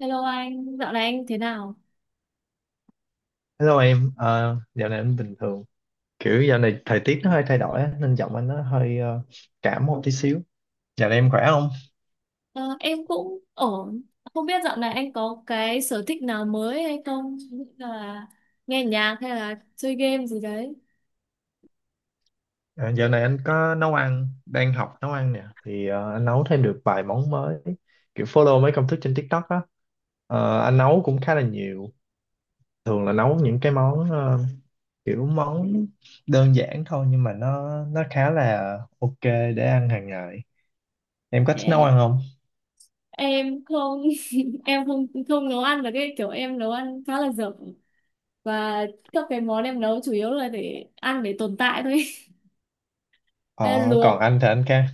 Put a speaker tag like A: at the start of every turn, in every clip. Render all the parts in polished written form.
A: Hello anh, dạo này anh thế nào?
B: Hello em, dạo này anh bình thường. Kiểu dạo này thời tiết nó hơi thay đổi á, nên giọng anh nó hơi cảm một tí xíu. Dạo này em khỏe không?
A: Ờ, em cũng ổn. Không biết dạo này anh có cái sở thích nào mới hay không? Ví dụ như là nghe nhạc hay là chơi game gì đấy.
B: Ờ, dạo này anh có nấu ăn, đang học nấu ăn nè. Thì anh nấu thêm được vài món mới. Kiểu follow mấy công thức trên TikTok á. Anh nấu cũng khá là nhiều. Thường là nấu những cái món kiểu món đơn giản thôi nhưng mà nó khá là ok để ăn hàng ngày. Em có thích nấu
A: Ê,
B: ăn không?
A: em không, em không không nấu ăn được, cái kiểu em nấu ăn khá là dở, và các cái món em nấu chủ yếu là để ăn để tồn tại thôi. Ê,
B: Ờ,
A: luộc.
B: còn anh thì anh ca.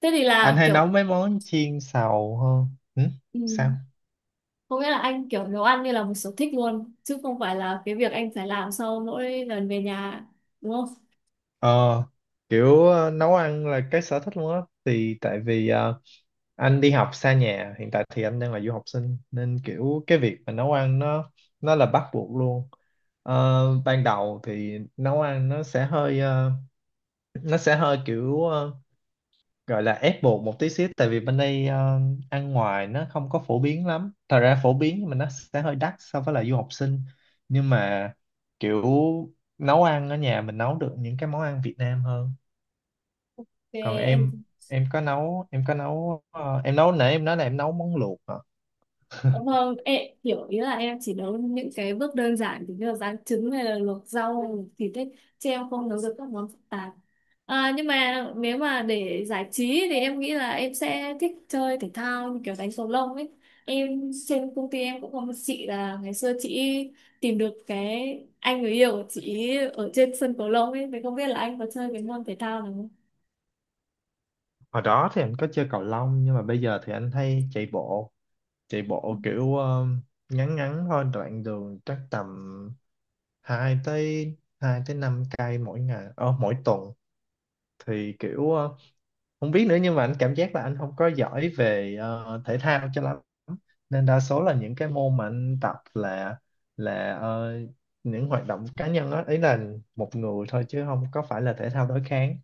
A: Thế thì
B: Anh
A: là
B: hay nấu
A: kiểu,
B: mấy món chiên xào hơn. Ừ? Sao?
A: ừ, có nghĩa là anh kiểu nấu ăn như là một sở thích luôn chứ không phải là cái việc anh phải làm sau mỗi lần về nhà, đúng không? Ok
B: ờ Kiểu nấu ăn là cái sở thích luôn á, thì tại vì anh đi học xa nhà hiện tại, thì anh đang là du học sinh nên kiểu cái việc mà nấu ăn nó là bắt buộc luôn. Ban đầu thì nấu ăn nó sẽ hơi nó sẽ hơi kiểu gọi là ép buộc một tí xíu, tại vì bên đây ăn ngoài nó không có phổ biến lắm, thật ra phổ biến nhưng mà nó sẽ hơi đắt so với là du học sinh, nhưng mà kiểu nấu ăn ở nhà mình nấu được những cái món ăn Việt Nam hơn. Còn
A: em.
B: em có nấu ờ, em nấu nãy em nói là em nấu món luộc hả?
A: Vâng, em hiểu, ý là em chỉ nấu những cái bước đơn giản thì như là rán trứng hay là luộc rau thịt đấy, chứ em không nấu được các món phức tạp. À, nhưng mà nếu mà để giải trí thì em nghĩ là em sẽ thích chơi thể thao, như kiểu đánh cầu lông ấy. Em trên công ty em cũng có một chị là ngày xưa chị tìm được cái anh người yêu của chị ở trên sân cầu lông ấy, thì không biết là anh có chơi cái môn thể thao nào.
B: Hồi đó thì anh có chơi cầu lông, nhưng mà bây giờ thì anh hay Chạy bộ kiểu ngắn ngắn thôi, đoạn đường chắc tầm 2 tới 5 cây mỗi ngày, mỗi tuần. Thì kiểu không biết nữa, nhưng mà anh cảm giác là anh không có giỏi về thể thao cho lắm, nên đa số là những cái môn mà anh tập là là ờ, những hoạt động cá nhân đó, ý là một người thôi chứ không có phải là thể thao đối kháng.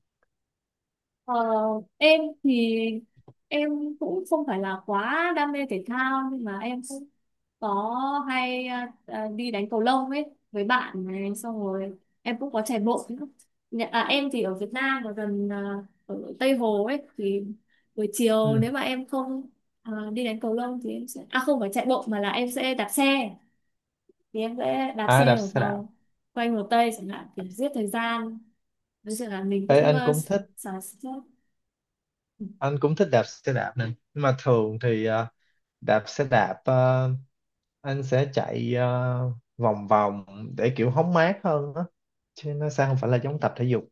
A: Ờ, em thì em cũng không phải là quá đam mê thể thao, nhưng mà em cũng có hay đi đánh cầu lông ấy với bạn, này xong rồi em cũng có chạy bộ nữa. Em thì ở Việt Nam và gần, ở Tây Hồ ấy, thì buổi chiều
B: Ừ.
A: nếu mà em không đi đánh cầu lông thì em sẽ, à, không phải chạy bộ mà là em sẽ đạp xe, thì em sẽ đạp
B: À, đạp
A: xe một
B: xe đạp.
A: vòng quanh Hồ Tây chẳng hạn, kiểu giết thời gian với sự là mình
B: Ê,
A: cũng xả stress.
B: anh cũng thích đạp xe đạp nè. Nhưng mà thường thì đạp xe đạp, anh sẽ chạy vòng vòng để kiểu hóng mát hơn đó, chứ nó sẽ không phải là giống tập thể dục.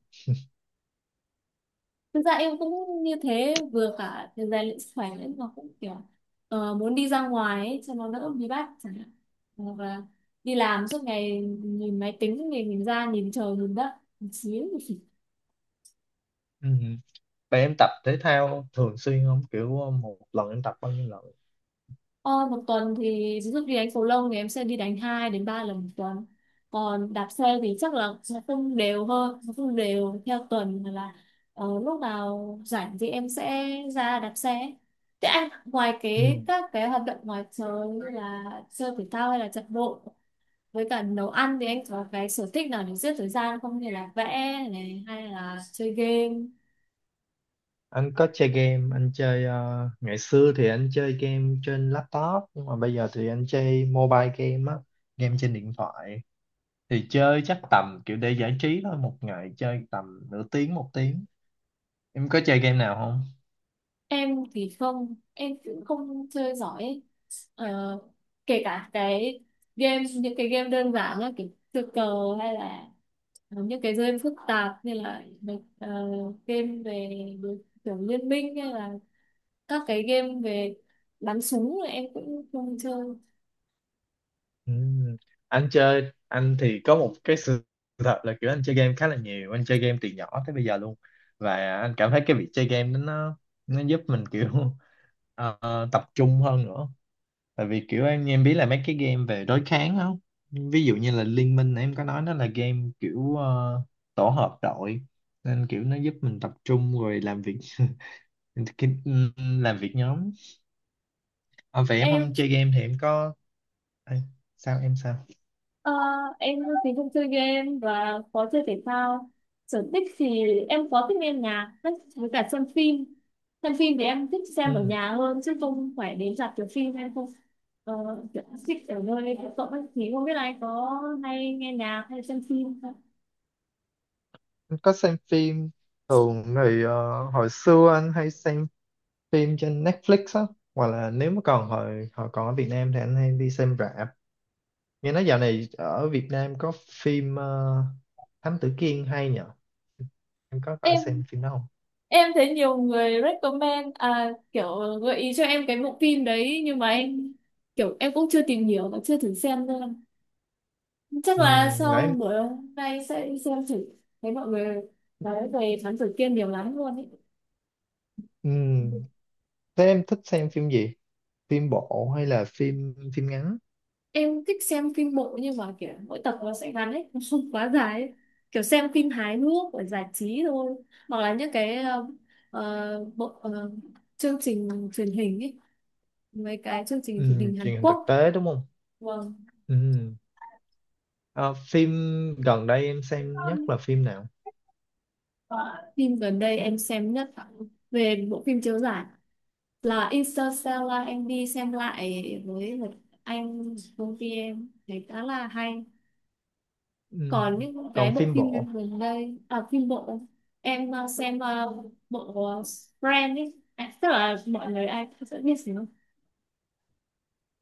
A: Thực ra em cũng như thế, vừa cả để rèn luyện sức khỏe nữa mà cũng kiểu muốn đi ra ngoài ấy, cho nó đỡ bí bách chẳng hạn, hoặc là đi làm suốt ngày nhìn máy tính thì nhìn ra nhìn trời nhìn đất một xíu.
B: Ừ. Vậy em tập thể thao thường xuyên không? Kiểu một lần em tập bao nhiêu lần?
A: Ờ, một tuần thì ví dụ đi đánh cầu lông thì em sẽ đi đánh 2 đến 3 lần một tuần. Còn đạp xe thì chắc là nó không đều hơn, nó không đều theo tuần mà là, ờ, lúc nào rảnh thì em sẽ ra đạp xe. Thế anh ngoài cái
B: Ừ.
A: các cái hoạt động ngoài trời như là chơi thể thao hay là chạy bộ với cả nấu ăn thì anh có cái sở thích nào để giết thời gian không, như là vẽ này hay là chơi game?
B: Anh có chơi game, anh chơi ngày xưa thì anh chơi game trên laptop, nhưng mà bây giờ thì anh chơi mobile game á, game trên điện thoại. Thì chơi chắc tầm kiểu để giải trí thôi, một ngày chơi tầm nửa tiếng một tiếng. Em có chơi game nào không?
A: Em thì không, em cũng không chơi giỏi ấy. Ờ, kể cả cái game, những cái game đơn giản là kiểu chơi cờ, hay là những cái game phức tạp như là ờ, game về đối- kiểu liên minh, hay là các cái game về bắn súng là em cũng không chơi.
B: Ừm. Anh thì có một cái sự thật là kiểu anh chơi game khá là nhiều, anh chơi game từ nhỏ tới bây giờ luôn, và anh cảm thấy cái việc chơi game đó nó giúp mình kiểu ờ, tập trung hơn nữa. Tại vì kiểu anh em biết là mấy cái game về đối kháng không, ví dụ như là Liên Minh em có nói, nó là game kiểu tổ hợp đội, nên kiểu nó giúp mình tập trung rồi làm việc cái- làm việc nhóm. À, vậy em
A: em
B: không chơi game thì em có. Ê, sao em, sao?
A: Ờ, em thì không chơi game và có chơi thể thao. Sở thích thì em có thích nghe nhạc với cả xem phim. Xem phim thì em thích xem ở nhà hơn chứ không phải đến rạp chiếu phim, em không ờ, kiểu thích ở nơi công cộng ấy. Thì không biết là anh có hay nghe nhạc hay xem phim không?
B: Anh có xem phim, thường thì hồi xưa anh hay xem phim trên Netflix á, hoặc là nếu mà còn hồi hồi còn ở Việt Nam thì anh hay đi xem rạp. Nghe nói dạo này ở Việt Nam có phim Thám Tử Kiên hay nhở, em có
A: em
B: xem phim đó không?
A: em thấy nhiều người recommend, à, kiểu gợi ý cho em cái bộ phim đấy, nhưng mà em kiểu em cũng chưa tìm hiểu và chưa thử xem nữa, chắc
B: Ừ,
A: là
B: nãy
A: sau
B: em.
A: buổi hôm nay sẽ đi xem thử. Thấy mọi người nói về Thám Tử Kiên nhiều lắm luôn ấy.
B: Ừ, thế em thích xem phim gì, phim bộ hay là phim phim ngắn?
A: Em thích xem phim bộ nhưng mà kiểu mỗi tập nó sẽ ngắn ấy, nó không quá dài ấy. Kiểu xem phim hài hước để giải trí thôi, hoặc là những cái bộ, chương trình truyền hình ấy, mấy cái chương trình truyền
B: Ừ,
A: hình Hàn
B: truyền hình thực
A: Quốc.
B: tế đúng không.
A: Vâng.
B: Ừ. Ờ, phim gần đây em xem nhất là phim nào?
A: Ờ, phim gần đây em xem nhất, về bộ phim chiếu giải là Interstellar, là em đi xem lại với một anh công ty, em thấy khá là hay.
B: Ừ.
A: Còn những cái
B: Còn
A: bộ
B: phim
A: phim
B: bộ.
A: gần đây, à, phim bộ, em xem bộ, ờ, Friends ấy, à, tức là mọi người ai cũng sẽ biết gì không.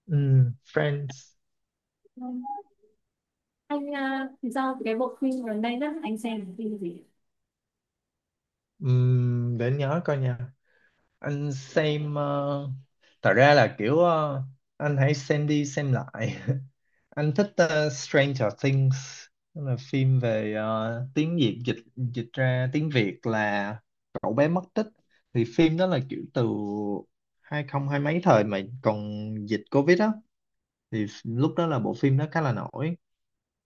B: Friends.
A: Anh thì sao, cái bộ phim gần đây đó anh xem cái phim gì?
B: Để anh nhớ coi nha. Anh xem thật ra là kiểu anh hãy xem đi xem lại anh thích Stranger Things. Đó là phim về tiếng Việt dịch dịch ra tiếng Việt là cậu bé mất tích. Thì phim đó là kiểu từ 2020, mấy thời mà còn dịch Covid á, thì lúc đó là bộ phim nó khá là nổi.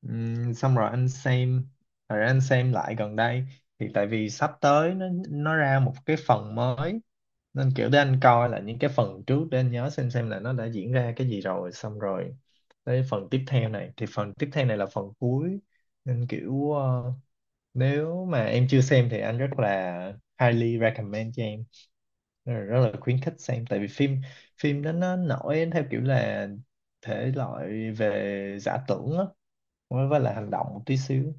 B: Xong rồi anh xem, rồi anh xem lại gần đây, thì tại vì sắp tới nó ra một cái phần mới, nên kiểu để anh coi là những cái phần trước để anh nhớ xem là nó đã diễn ra cái gì. Rồi xong rồi tới phần tiếp theo này, thì phần tiếp theo này là phần cuối, nên kiểu nếu mà em chưa xem thì anh rất là highly recommend cho em, nên là rất là khuyến khích xem. Tại vì phim, đó nó nổi theo kiểu là thể loại về giả tưởng á, với là hành động một tí xíu.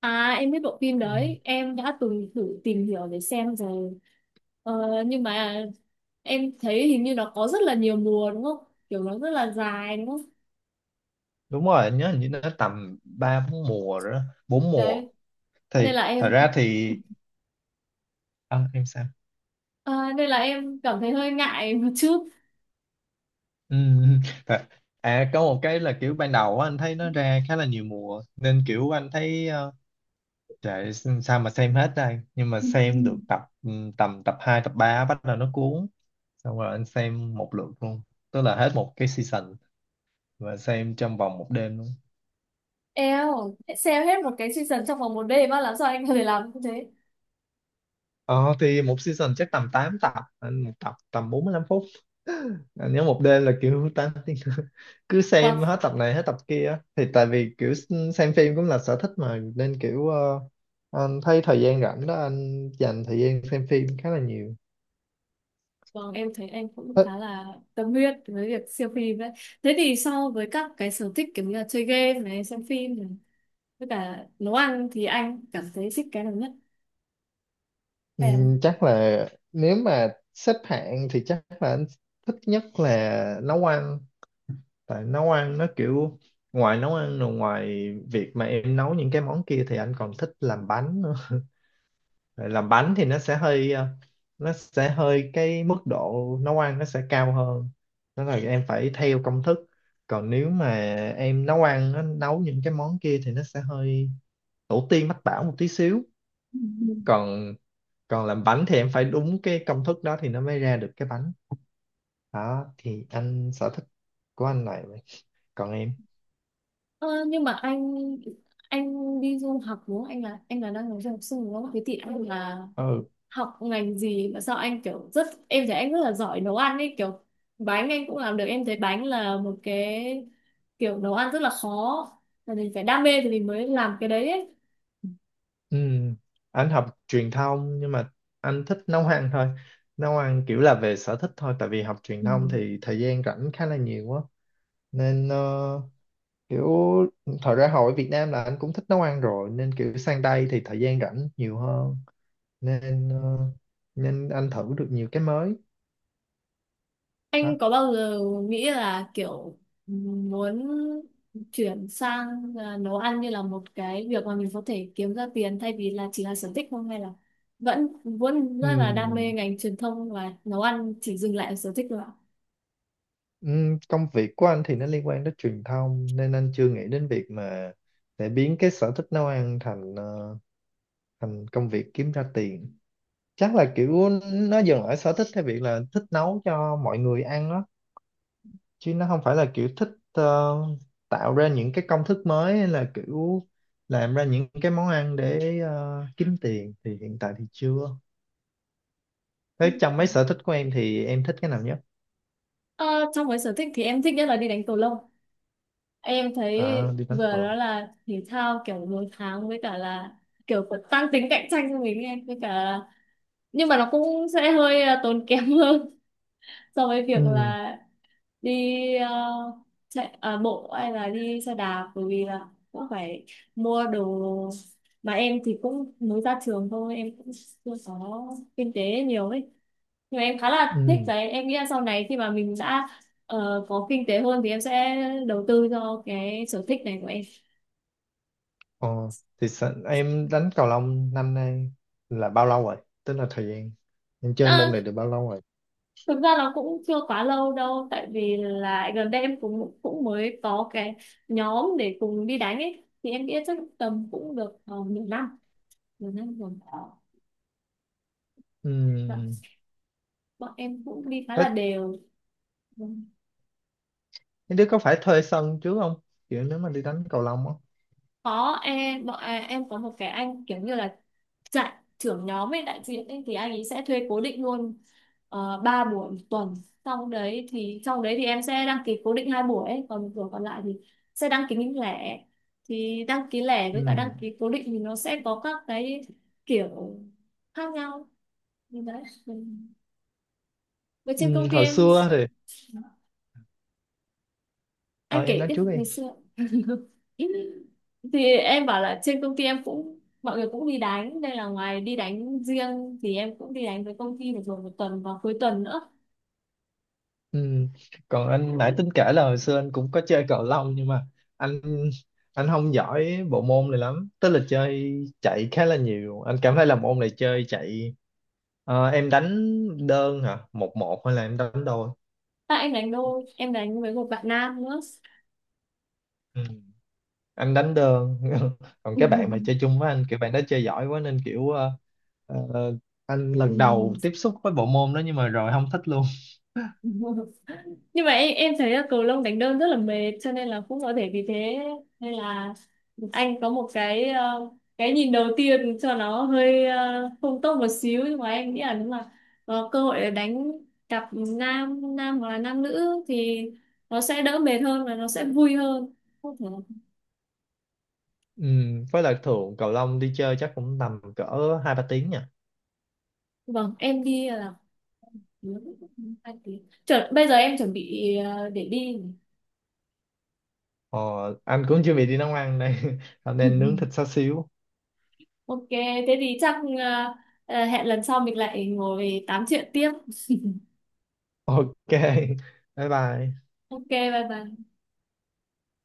A: À em biết bộ phim
B: Ừ.
A: đấy, em đã từng thử tìm hiểu để xem rồi. Ờ, nhưng mà em thấy hình như nó có rất là nhiều mùa đúng không, kiểu nó rất là dài đúng không?
B: Đúng rồi, anh nhớ hình như nó tầm ba bốn mùa rồi đó, bốn mùa.
A: Đấy,
B: Thì
A: nên là
B: thật
A: em
B: ra thì. À, em sao?
A: nên là em cảm thấy hơi ngại một chút.
B: Ừ. thật- À có một cái là kiểu ban đầu á, anh thấy nó ra khá là nhiều mùa, nên kiểu anh thấy Trời, sao mà xem hết đây. Nhưng mà xem được tập, tầm tập 2 tập 3 bắt đầu nó cuốn, xong rồi anh xem một lượt luôn, tức là hết một cái season, và xem trong vòng một đêm luôn.
A: Eo, xem hết một cái season trong vòng một đêm á, làm sao anh có thể làm như thế?
B: Ờ thì một season chắc tầm 8 tập, anh một tập tầm 45 phút. Anh nhớ một đêm là kiểu 8 tiếng cứ xem
A: Wow.
B: hết tập này hết tập kia á. Thì tại vì kiểu xem phim cũng là sở thích mà, nên kiểu anh thấy thời gian rảnh đó anh dành thời gian xem phim khá là nhiều.
A: Vâng, em thấy anh cũng khá là tâm huyết với việc siêu phim đấy. Thế thì so với các cái sở thích kiểu như là chơi game này, xem phim này, với cả nấu ăn thì anh cảm thấy thích cái nào nhất?
B: Ừ,
A: Em.
B: chắc là nếu mà xếp hạng thì chắc là anh thích nhất là nấu ăn. Tại nấu ăn nó kiểu, ngoài nấu ăn rồi, ngoài việc mà em nấu những cái món kia thì anh còn thích làm bánh nữa. Tại làm bánh thì nó sẽ hơi nó sẽ hơi cái mức độ nấu ăn nó sẽ cao hơn, đó là em phải theo công thức. Còn nếu mà em nấu ăn, nó nấu những cái món kia thì nó sẽ hơi tổ tiên mách bảo một tí xíu. Còn, làm bánh thì em phải đúng cái công thức đó thì nó mới ra được cái bánh đó. Thì anh, sở thích của anh này. Còn em.
A: Ờ, nhưng mà anh đi du học đúng không? Anh là đang là du học sinh đúng không? Thế thì anh là
B: Ừ,
A: học ngành gì mà sao anh kiểu rất, em thấy anh rất là giỏi nấu ăn ấy, kiểu bánh anh cũng làm được, em thấy bánh là một cái kiểu nấu ăn rất là khó, là mình phải đam mê thì mình mới làm cái đấy ấy.
B: ừ. Anh học truyền thông, nhưng mà anh thích nấu ăn thôi. Nấu ăn kiểu là về sở thích thôi, tại vì học truyền
A: Ừ.
B: thông thì thời gian rảnh khá là nhiều quá, nên kiểu thời ra hồi ở Việt Nam là anh cũng thích nấu ăn rồi, nên kiểu sang đây thì thời gian rảnh nhiều hơn, nên ờ, nên anh thử được nhiều cái mới đó.
A: Anh có bao giờ nghĩ là kiểu muốn chuyển sang, à, nấu ăn như là một cái việc mà mình có thể kiếm ra tiền thay vì là chỉ là sở thích không, hay là vẫn vẫn rất là đam mê
B: Ừ.
A: ngành truyền thông và nấu ăn chỉ dừng lại ở sở thích thôi ạ?
B: Công việc của anh thì nó liên quan đến truyền thông, nên anh chưa nghĩ đến việc mà để biến cái sở thích nấu ăn thành công việc kiếm ra tiền. Chắc là kiểu nó dừng ở sở thích theo việc là thích nấu cho mọi người ăn đó, chứ nó không phải là kiểu thích tạo ra những cái công thức mới, hay là kiểu làm ra những cái món ăn để kiếm tiền, thì hiện tại thì chưa. Thế trong mấy sở thích của em thì em thích cái nào nhất?
A: Ờ, trong cái sở thích thì em thích nhất là đi đánh cầu lông. Em thấy
B: À, đi đánh
A: vừa
B: cầu
A: đó
B: lông.
A: là thể thao kiểu đối kháng, với cả là kiểu có tăng tính cạnh tranh cho mình em, với cả là nhưng mà nó cũng sẽ hơi, à, tốn kém hơn so với việc
B: Ừ,
A: là đi, à, chạy, à, bộ hay là đi xe đạp, bởi vì là cũng phải mua đồ, mà em thì cũng mới ra trường thôi, em cũng chưa có kinh tế nhiều ấy, nhưng mà em khá là thích
B: ừ.
A: đấy, em nghĩ là sau này khi mà mình đã, ờ, có kinh tế hơn thì em sẽ đầu tư cho cái sở thích này của em.
B: Ờ, thì em đánh cầu lông năm nay là bao lâu rồi? Tức là thời gian em chơi môn
A: À,
B: này được bao lâu rồi?
A: thực ra là cũng chưa quá lâu đâu, tại vì là gần đây em cũng cũng mới có cái nhóm để cùng đi đánh ấy, thì em nghĩ chắc tầm cũng được, nửa năm rồi. Dạ.
B: Ừm,
A: Bọn em cũng đi khá
B: thế
A: là đều. Vâng.
B: mấy đứa có phải thuê sân trước không? Kiểu nếu mà đi đánh cầu lông á.
A: có em bọn à, em có một cái anh kiểu như là giải thưởng nhóm với đại diện ấy, thì anh ấy sẽ thuê cố định luôn, 3 buổi một tuần. Sau đấy thì em sẽ đăng ký cố định 2 buổi ấy, còn một buổi còn lại thì sẽ đăng ký những lẻ, thì đăng ký lẻ với cả đăng
B: Ừm,
A: ký cố định thì nó sẽ có các cái kiểu khác nhau như đấy, với trên công ty
B: hồi
A: em,
B: xưa thì ờ,
A: anh
B: em
A: kể
B: nói
A: tiếp
B: trước
A: về
B: đi.
A: xưa. Thì em bảo là trên công ty em cũng, mọi người cũng đi đánh nên là ngoài đi đánh riêng thì em cũng đi đánh với công ty được rồi một tuần vào cuối tuần nữa.
B: Ừm, còn anh nãy tính kể là hồi xưa anh cũng có chơi cầu lông, nhưng mà anh anh không giỏi bộ môn này lắm. Tức là chơi chạy khá là nhiều. Anh cảm thấy là môn này chơi chạy. Ờ, em đánh đơn hả? Một một hay là em đánh đôi?
A: À, em đánh đôi, em đánh với một bạn nam nữa.
B: Anh đánh đơn còn cái bạn mà chơi chung với anh, kiểu bạn đó chơi giỏi quá, nên kiểu ờ, anh lần đầu tiếp xúc với bộ môn đó, nhưng mà rồi không thích luôn.
A: Ừ. Nhưng mà em thấy là cầu lông đánh đơn rất là mệt, cho nên là cũng có thể vì thế nên là anh có một cái, ờ, cái nhìn đầu tiên cho nó hơi, ờ, không tốt một xíu, nhưng mà em nghĩ là nếu mà có cơ hội để đánh cặp nam nam hoặc là nam nữ thì nó sẽ đỡ mệt hơn và nó sẽ vui hơn, không thể.
B: Ừ, với lại thường cầu lông đi chơi chắc cũng tầm cỡ hai ba tiếng nha.
A: Vâng em đi là 2 tiếng. Chuẩn, bây giờ em chuẩn bị, ờ, để đi.
B: ờ, anh cũng chuẩn bị đi nấu ăn đây nên nướng thịt xá xíu.
A: Ok thế thì chắc, hẹn lần sau mình lại ngồi tám chuyện tiếp.
B: Ok bye bye
A: Ok, bye bye.